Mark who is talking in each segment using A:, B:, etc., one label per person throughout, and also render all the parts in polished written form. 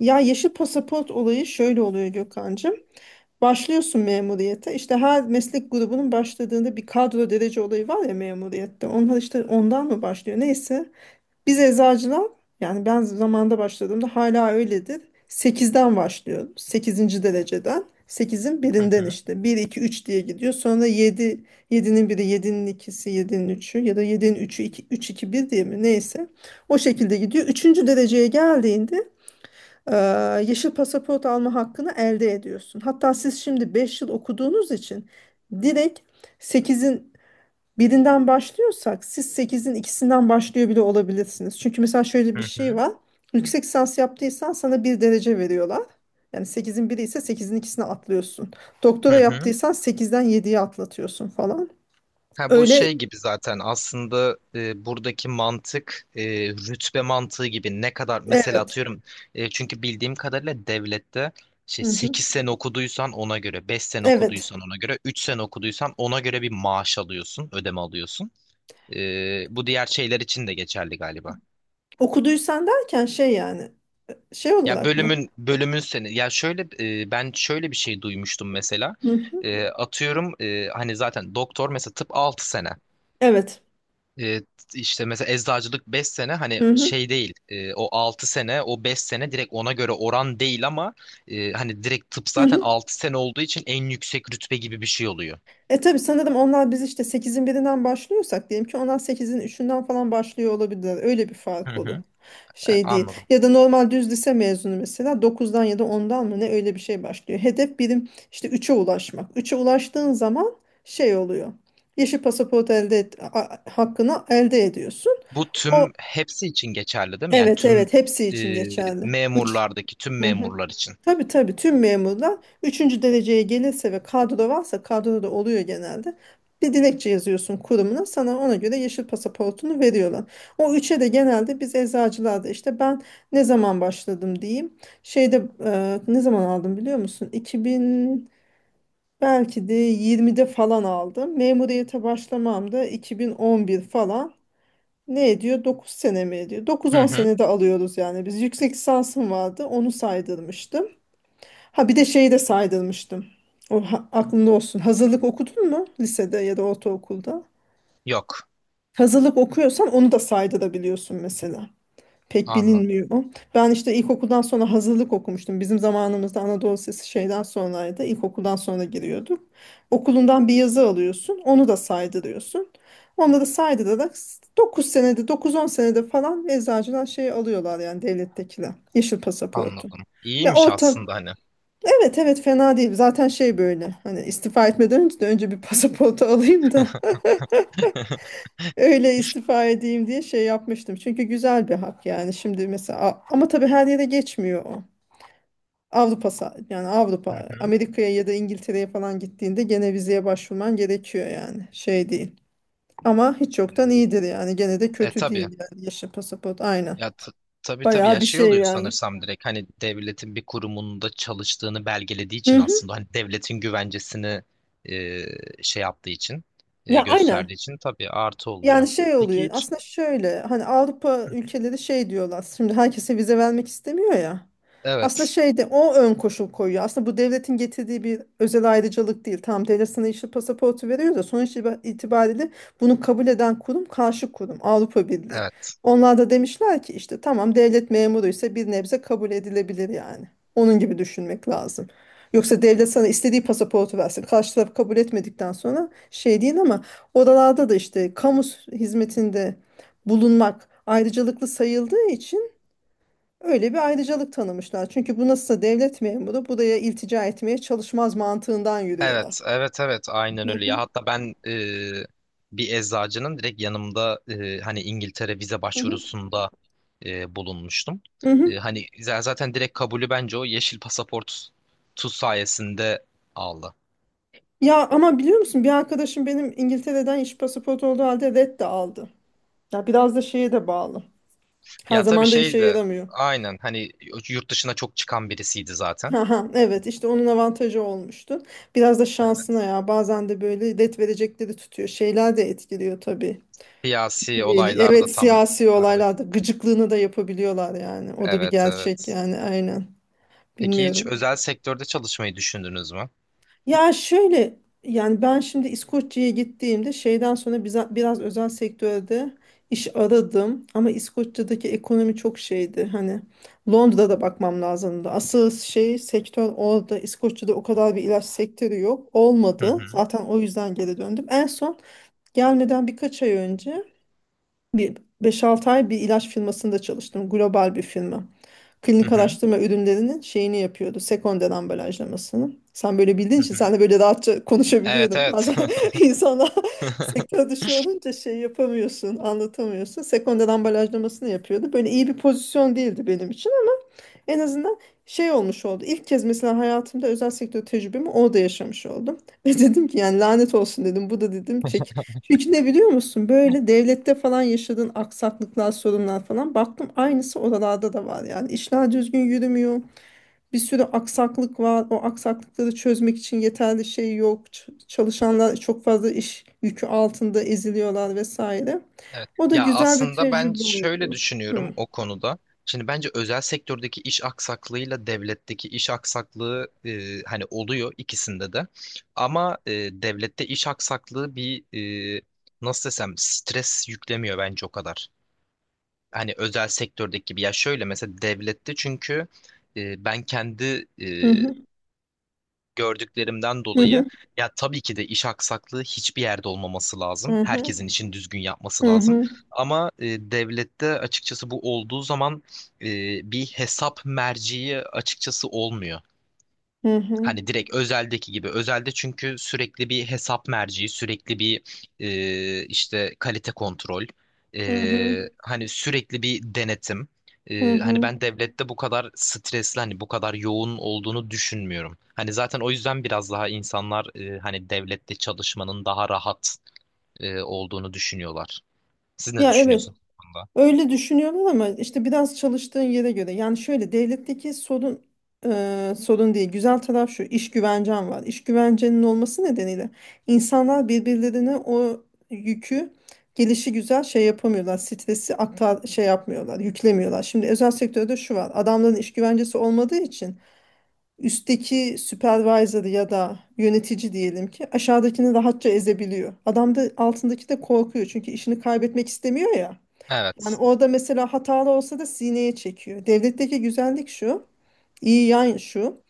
A: Ya yeşil pasaport olayı şöyle oluyor Gökhan'cığım. Başlıyorsun memuriyete. İşte her meslek grubunun başladığında bir kadro derece olayı var ya memuriyette. Onlar işte ondan mı başlıyor? Neyse. Biz eczacılar yani ben zamanda başladığımda hala öyledir. Sekizden başlıyorum, sekizinci dereceden, sekizin
B: Hı
A: birinden
B: hı,
A: işte. Bir 2 3 diye gidiyor. Sonra yedi, yedi'nin biri, yedi'nin ikisi, yedi'nin üçü ya da yedi'nin üçü, iki üç iki bir diye mi? Neyse. O şekilde gidiyor. Üçüncü dereceye geldiğinde e, yeşil pasaport alma hakkını elde ediyorsun. Hatta siz şimdi 5 yıl okuduğunuz için direkt sekizin birinden başlıyorsak siz sekizin ikisinden başlıyor bile olabilirsiniz. Çünkü mesela şöyle
B: hı
A: bir şey
B: hı,
A: var. Yüksek lisans yaptıysan sana bir derece veriyorlar. Yani sekizin biri ise sekizin ikisine atlıyorsun.
B: hı
A: Doktora
B: hı.
A: yaptıysan sekizden 7'ye atlatıyorsun falan.
B: Ha, bu
A: Öyle,
B: şey gibi zaten aslında buradaki mantık rütbe mantığı gibi ne kadar mesela
A: evet.
B: atıyorum, çünkü bildiğim kadarıyla devlette şey
A: Hı hı.
B: 8 sene okuduysan ona göre, 5 sene
A: Evet.
B: okuduysan ona göre, 3 sene okuduysan ona göre bir maaş alıyorsun, ödeme alıyorsun. Bu diğer şeyler için de geçerli galiba.
A: Okuduysan derken şey yani şey
B: Ya
A: olarak mı?
B: bölümün seni, ya şöyle ben şöyle bir şey duymuştum mesela.
A: Hı hı.
B: Atıyorum, hani zaten doktor mesela tıp 6 sene.
A: Evet.
B: E, işte mesela eczacılık 5 sene, hani
A: Hı hı.
B: şey değil, o 6 sene o 5 sene direkt ona göre oran değil ama hani direkt tıp
A: Hı
B: zaten
A: hı.
B: 6 sene olduğu için en yüksek rütbe gibi bir şey oluyor.
A: E tabii sanırım onlar, biz işte sekizin birinden başlıyorsak diyelim ki onlar sekizin üçünden falan başlıyor olabilirler. Öyle bir
B: Hı
A: fark olur.
B: hı.
A: Şey değil.
B: Anladım.
A: Ya da normal düz lise mezunu mesela dokuzdan ya da ondan mı ne öyle bir şey başlıyor. Hedef birim işte üçe ulaşmak. Üçe ulaştığın zaman şey oluyor. Yeşil pasaport elde et, hakkını elde ediyorsun.
B: Bu
A: O
B: tüm hepsi için geçerli değil mi? Yani
A: evet,
B: tüm
A: evet hepsi için
B: e,
A: geçerli.
B: memurlardaki tüm
A: 3.
B: memurlar için.
A: Tabii tabii tüm memurlar üçüncü dereceye gelirse ve kadro varsa, kadro da oluyor genelde. Bir dilekçe yazıyorsun kurumuna, sana ona göre yeşil pasaportunu veriyorlar. O üçe de genelde biz eczacılarda işte, ben ne zaman başladım diyeyim. Şeyde ne zaman aldım biliyor musun? 2000, belki de 20'de falan aldım. Memuriyete başlamam da 2011 falan. Ne ediyor? Dokuz sene mi ediyor? Dokuz
B: Hı
A: on
B: hı.
A: senede alıyoruz yani. Biz, yüksek lisansım vardı onu saydırmıştım. Ha bir de şeyi de saydırmıştım. O aklında olsun. Hazırlık okudun mu lisede ya da ortaokulda?
B: Yok.
A: Hazırlık okuyorsan onu da saydırabiliyorsun mesela. Pek
B: Anladım.
A: bilinmiyor o. Ben işte ilkokuldan sonra hazırlık okumuştum. Bizim zamanımızda Anadolu Lisesi şeyden sonraydı. İlkokuldan sonra giriyorduk. Okulundan bir yazı alıyorsun. Onu da saydırıyorsun. Onları saydırarak 9 senede, dokuz on senede falan eczacıdan şey alıyorlar yani devlettekiler. Yeşil pasaportu.
B: Anladım.
A: Ya
B: İyiymiş
A: orta,
B: aslında hani.
A: evet evet fena değil. Zaten şey, böyle hani istifa etmeden önce de önce bir pasaportu alayım da öyle istifa edeyim diye şey yapmıştım. Çünkü güzel bir hak yani şimdi mesela, ama tabii her yere geçmiyor o. Yani
B: Hı
A: Avrupa,
B: hı.
A: Amerika'ya ya da İngiltere'ye falan gittiğinde gene vizeye başvurman gerekiyor, yani şey değil. Ama hiç yoktan iyidir yani, gene de
B: E
A: kötü
B: tabii.
A: değil yani yeşil pasaport, aynen.
B: Ya tabii tabii,
A: Bayağı
B: ya
A: bir
B: şey
A: şey
B: oluyor
A: yani.
B: sanırsam, direkt hani devletin bir kurumunda çalıştığını belgelediği
A: Hı
B: için
A: hı.
B: aslında hani devletin güvencesini şey yaptığı için
A: Ya
B: gösterdiği
A: aynen.
B: için tabii artı oluyor.
A: Yani şey
B: Peki
A: oluyor
B: hiç
A: aslında, şöyle hani Avrupa ülkeleri şey diyorlar, şimdi herkese vize vermek istemiyor ya, aslında
B: Evet
A: şeyde o ön koşul koyuyor. Aslında bu devletin getirdiği bir özel ayrıcalık değil. Tam devlet sana yeşil pasaportu veriyor da sonuç itibariyle bunu kabul eden kurum, karşı kurum Avrupa Birliği,
B: evet
A: onlar da demişler ki işte tamam devlet memuru ise bir nebze kabul edilebilir yani. Onun gibi düşünmek lazım. Yoksa devlet sana istediği pasaportu versin, karşı taraf kabul etmedikten sonra şey değil. Ama oralarda da işte kamu hizmetinde bulunmak ayrıcalıklı sayıldığı için öyle bir ayrıcalık tanımışlar. Çünkü bu, nasılsa devlet memuru buraya iltica etmeye çalışmaz mantığından yürüyorlar.
B: evet evet evet, aynen
A: Hı
B: öyle ya.
A: hı,
B: Hatta ben bir eczacının direkt yanımda hani İngiltere vize
A: hı hı,
B: başvurusunda bulunmuştum.
A: hı hı.
B: Hani zaten direkt kabulü, bence o yeşil pasaport tu sayesinde aldı.
A: Ya ama biliyor musun bir arkadaşım benim, İngiltere'den iş pasaportu olduğu halde red de aldı. Ya biraz da şeye de bağlı. Her
B: Ya tabii
A: zaman da işe
B: şey de,
A: yaramıyor.
B: aynen hani yurt dışına çok çıkan birisiydi zaten.
A: Aha, evet işte onun avantajı olmuştu. Biraz da şansına, ya bazen de böyle red verecekleri tutuyor. Şeyler de etkiliyor tabii.
B: Siyasi olaylarda
A: Evet,
B: tam
A: siyasi
B: aradaki.
A: olaylarda gıcıklığını da yapabiliyorlar yani. O da bir
B: Evet
A: gerçek
B: evet.
A: yani, aynen.
B: Peki hiç
A: Bilmiyorum.
B: özel sektörde çalışmayı düşündünüz mü?
A: Ya şöyle yani, ben şimdi İskoçya'ya gittiğimde şeyden sonra biraz özel sektörde iş aradım ama İskoçya'daki ekonomi çok şeydi. Hani Londra'da bakmam lazımdı. Asıl şey sektör orada. İskoçya'da o kadar bir ilaç sektörü yok.
B: Hı
A: Olmadı.
B: hı.
A: Zaten o yüzden geri döndüm. En son gelmeden birkaç ay önce bir beş altı ay bir ilaç firmasında çalıştım. Global bir firma.
B: Hı
A: Klinik
B: hı.
A: araştırma ürünlerinin şeyini yapıyordu. Sekonder ambalajlamasını. Sen böyle bildiğin
B: Hı
A: için
B: hı.
A: sen de böyle rahatça
B: Evet
A: konuşabiliyordun.
B: evet.
A: Bazen insana sektör dışı olunca şey yapamıyorsun, anlatamıyorsun. Sekonder ambalajlamasını yapıyordu. Böyle iyi bir pozisyon değildi benim için. En azından şey olmuş oldu. İlk kez mesela hayatımda özel sektör tecrübemi orada yaşamış oldum. Ve dedim ki yani lanet olsun dedim. Bu da dedim çek. Çünkü ne biliyor musun? Böyle devlette falan yaşadığın aksaklıklar, sorunlar falan. Baktım aynısı oralarda da var yani. İşler düzgün yürümüyor. Bir sürü aksaklık var. O aksaklıkları çözmek için yeterli şey yok. Çalışanlar çok fazla iş yükü altında eziliyorlar vesaire.
B: Evet.
A: O da
B: Ya
A: güzel bir
B: aslında ben
A: tecrübe
B: şöyle
A: oldu.
B: düşünüyorum
A: Hı.
B: o konuda. Şimdi bence özel sektördeki iş aksaklığıyla devletteki iş aksaklığı hani oluyor ikisinde de. Ama devlette iş aksaklığı bir, e, nasıl desem, stres yüklemiyor bence o kadar. Hani özel sektördeki gibi. Ya şöyle mesela devlette çünkü ben kendi
A: Hı hı.
B: gördüklerimden
A: Hı hı.
B: dolayı, ya tabii ki de iş aksaklığı hiçbir yerde olmaması lazım.
A: Hı hı.
B: Herkesin için düzgün yapması
A: Hı
B: lazım.
A: hı.
B: Ama devlette açıkçası bu olduğu zaman e, bir hesap merciği açıkçası olmuyor.
A: Hı hı.
B: Hani direkt özeldeki gibi. Özelde çünkü sürekli bir hesap merci, sürekli bir işte kalite kontrol,
A: Hı hı.
B: hani sürekli bir denetim.
A: Hı
B: Hani
A: hı.
B: ben devlette bu kadar stresli, hani bu kadar yoğun olduğunu düşünmüyorum. Hani zaten o yüzden biraz daha insanlar hani devlette çalışmanın daha rahat olduğunu düşünüyorlar. Siz ne
A: Ya evet.
B: düşünüyorsunuz bu konuda?
A: Öyle düşünüyorum ama işte biraz çalıştığın yere göre. Yani şöyle devletteki sorun, sorun değil. Güzel taraf şu. İş güvencen var. İş güvencenin olması nedeniyle insanlar birbirlerine o yükü gelişi güzel şey yapamıyorlar. Stresi aktar şey yapmıyorlar, yüklemiyorlar. Şimdi özel sektörde şu var. Adamların iş güvencesi olmadığı için üstteki supervisor ya da yönetici diyelim ki aşağıdakini rahatça ezebiliyor. Adam da altındaki de korkuyor çünkü işini kaybetmek istemiyor ya. Yani
B: Evet.
A: orada mesela hatalı olsa da sineye çekiyor. Devletteki güzellik şu, iyi yan şu,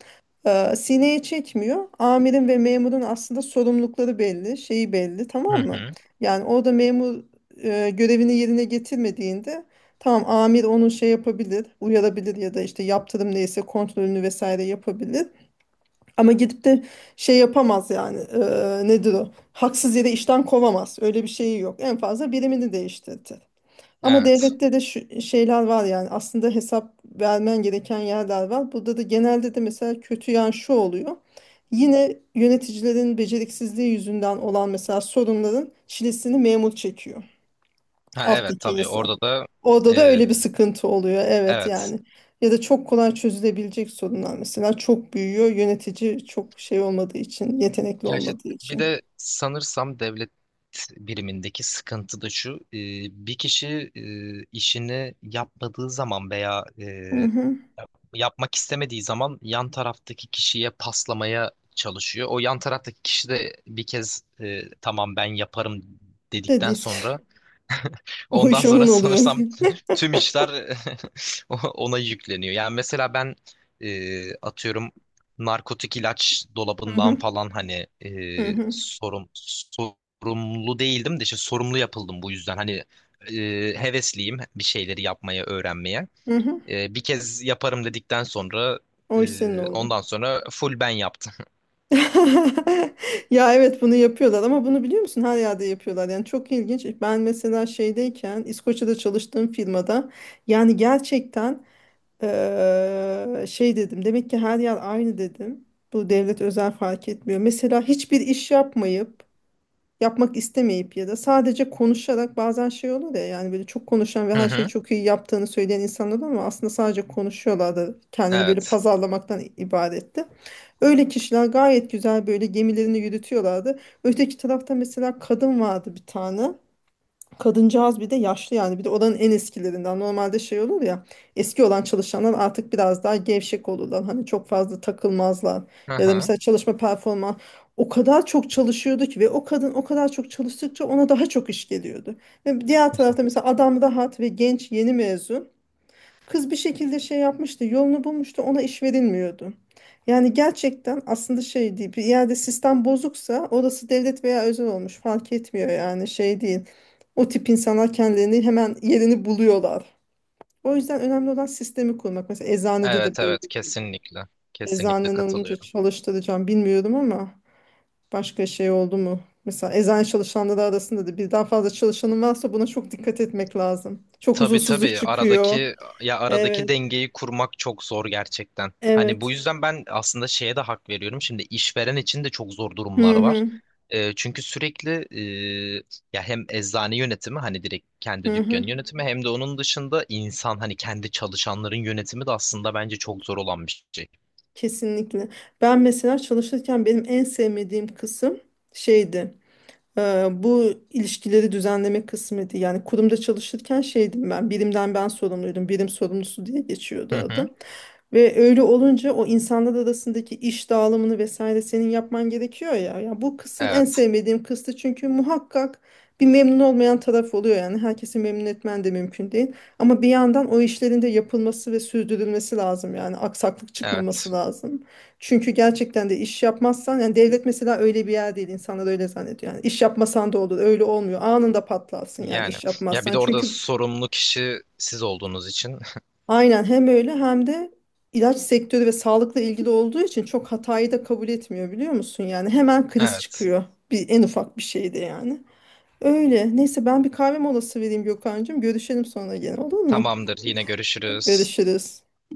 A: sineye çekmiyor. Amirin ve memurun aslında sorumlulukları belli, şeyi belli,
B: Hı
A: tamam mı?
B: hı.
A: Yani orada memur görevini yerine getirmediğinde, tamam amir onu şey yapabilir, uyarabilir ya da işte yaptırım neyse, kontrolünü vesaire yapabilir. Ama gidip de şey yapamaz yani, nedir o? Haksız yere işten kovamaz. Öyle bir şeyi yok. En fazla birimini değiştirdi. Ama
B: Evet.
A: devlette de şu şeyler var yani, aslında hesap vermen gereken yerler var. Burada da genelde de mesela kötü yan şu oluyor. Yine yöneticilerin beceriksizliği yüzünden olan mesela sorunların çilesini memur çekiyor.
B: Ha, evet
A: Alttaki
B: tabii
A: insan.
B: orada da
A: Orada da
B: e,
A: öyle bir sıkıntı oluyor. Evet
B: evet.
A: yani. Ya da çok kolay çözülebilecek sorunlar mesela çok büyüyor. Yönetici çok şey olmadığı için, yetenekli
B: Ya işte
A: olmadığı
B: bir
A: için.
B: de sanırsam devlet birimindeki sıkıntı da şu. Bir kişi işini yapmadığı zaman veya
A: Hı hı.
B: yapmak istemediği zaman yan taraftaki kişiye paslamaya çalışıyor. O yan taraftaki kişi de bir kez tamam ben yaparım dedikten
A: Dediyse
B: sonra
A: o
B: ondan
A: iş onun
B: sonra
A: oluyor.
B: sanırsam tüm işler ona yükleniyor. Yani mesela ben atıyorum narkotik ilaç
A: Hı hı.
B: dolabından falan, hani
A: Hı hı.
B: sorumlu değildim de işte sorumlu yapıldım bu yüzden. Hani e, hevesliyim bir şeyleri yapmaya, öğrenmeye.
A: Hı hı.
B: Bir kez yaparım dedikten sonra
A: O iş senin oldu.
B: ondan sonra full ben yaptım.
A: Ya evet bunu yapıyorlar, ama bunu biliyor musun, her yerde yapıyorlar yani çok ilginç. Ben mesela şeydeyken İskoçya'da çalıştığım firmada yani gerçekten, şey dedim, demek ki her yer aynı dedim. Bu devlet özel fark etmiyor. Mesela hiçbir iş yapmayıp, yapmak istemeyip ya da sadece konuşarak, bazen şey olur ya yani böyle çok konuşan ve
B: Hı
A: her şeyi
B: hı.
A: çok iyi yaptığını söyleyen insanlar var, ama aslında sadece konuşuyorlar da kendini böyle
B: Evet.
A: pazarlamaktan ibaretti. Öyle kişiler gayet güzel böyle gemilerini yürütüyorlardı. Öteki tarafta mesela kadın vardı bir tane. Kadıncağız bir de yaşlı yani, bir de oranın en eskilerinden, normalde şey olur ya, eski olan çalışanlar artık biraz daha gevşek olurlar hani, çok fazla takılmazlar
B: Hı
A: ya da
B: hı.
A: mesela çalışma performans, o kadar çok çalışıyordu ki ve o kadın o kadar çok çalıştıkça ona daha çok iş geliyordu. Ve diğer tarafta mesela adam rahat ve genç yeni mezun kız, bir şekilde şey yapmıştı, yolunu bulmuştu, ona iş verilmiyordu. Yani gerçekten aslında şey değil, bir yerde sistem bozuksa orası devlet veya özel olmuş fark etmiyor yani, şey değil. O tip insanlar kendilerini hemen yerini buluyorlar. O yüzden önemli olan sistemi kurmak. Mesela eczanede de
B: Evet
A: böyle.
B: evet kesinlikle. Kesinlikle
A: Eczanen olunca
B: katılıyorum.
A: çalıştıracağım bilmiyorum ama başka şey oldu mu? Mesela eczane çalışanları arasında da birden fazla çalışanın varsa buna çok dikkat etmek lazım. Çok
B: Tabii
A: huzursuzluk
B: tabii,
A: çıkıyor.
B: aradaki
A: Evet,
B: dengeyi kurmak çok zor gerçekten. Hani bu
A: evet.
B: yüzden ben aslında şeye de hak veriyorum. Şimdi işveren için de çok zor
A: Hı
B: durumlar var.
A: hı.
B: Çünkü sürekli, e, ya hem eczane yönetimi, hani direkt kendi
A: Hı hı,
B: dükkanı yönetimi, hem de onun dışında insan hani kendi çalışanların yönetimi de aslında bence çok zor olan bir şey.
A: kesinlikle. Ben mesela çalışırken benim en sevmediğim kısım şeydi. Bu ilişkileri düzenleme kısmıydı. Yani kurumda çalışırken şeydim ben, birimden ben sorumluydum, birim sorumlusu diye geçiyordu
B: Hı hı.
A: adım. Ve öyle olunca o insanlar arasındaki iş dağılımını vesaire senin yapman gerekiyor ya. Ya bu kısım en
B: Evet,
A: sevmediğim kısmı çünkü muhakkak bir memnun olmayan taraf oluyor yani. Herkesi memnun etmen de mümkün değil. Ama bir yandan o işlerin de yapılması ve sürdürülmesi lazım yani, aksaklık çıkmaması
B: evet.
A: lazım. Çünkü gerçekten de iş yapmazsan yani, devlet mesela öyle bir yer değil, insanlar öyle zannediyor. Yani iş yapmasan da olur, öyle olmuyor. Anında patlarsın yani
B: Yani,
A: iş
B: ya bir
A: yapmazsan.
B: de orada
A: Çünkü,
B: sorumlu kişi siz olduğunuz için.
A: aynen hem öyle hem de ilaç sektörü ve sağlıkla ilgili olduğu için çok hatayı da kabul etmiyor biliyor musun? Yani hemen kriz
B: Evet.
A: çıkıyor bir en ufak bir şeyde yani. Öyle. Neyse ben bir kahve molası vereyim Gökhan'cığım. Görüşelim sonra gene, olur mu?
B: Tamamdır. Yine görüşürüz.
A: Görüşürüz.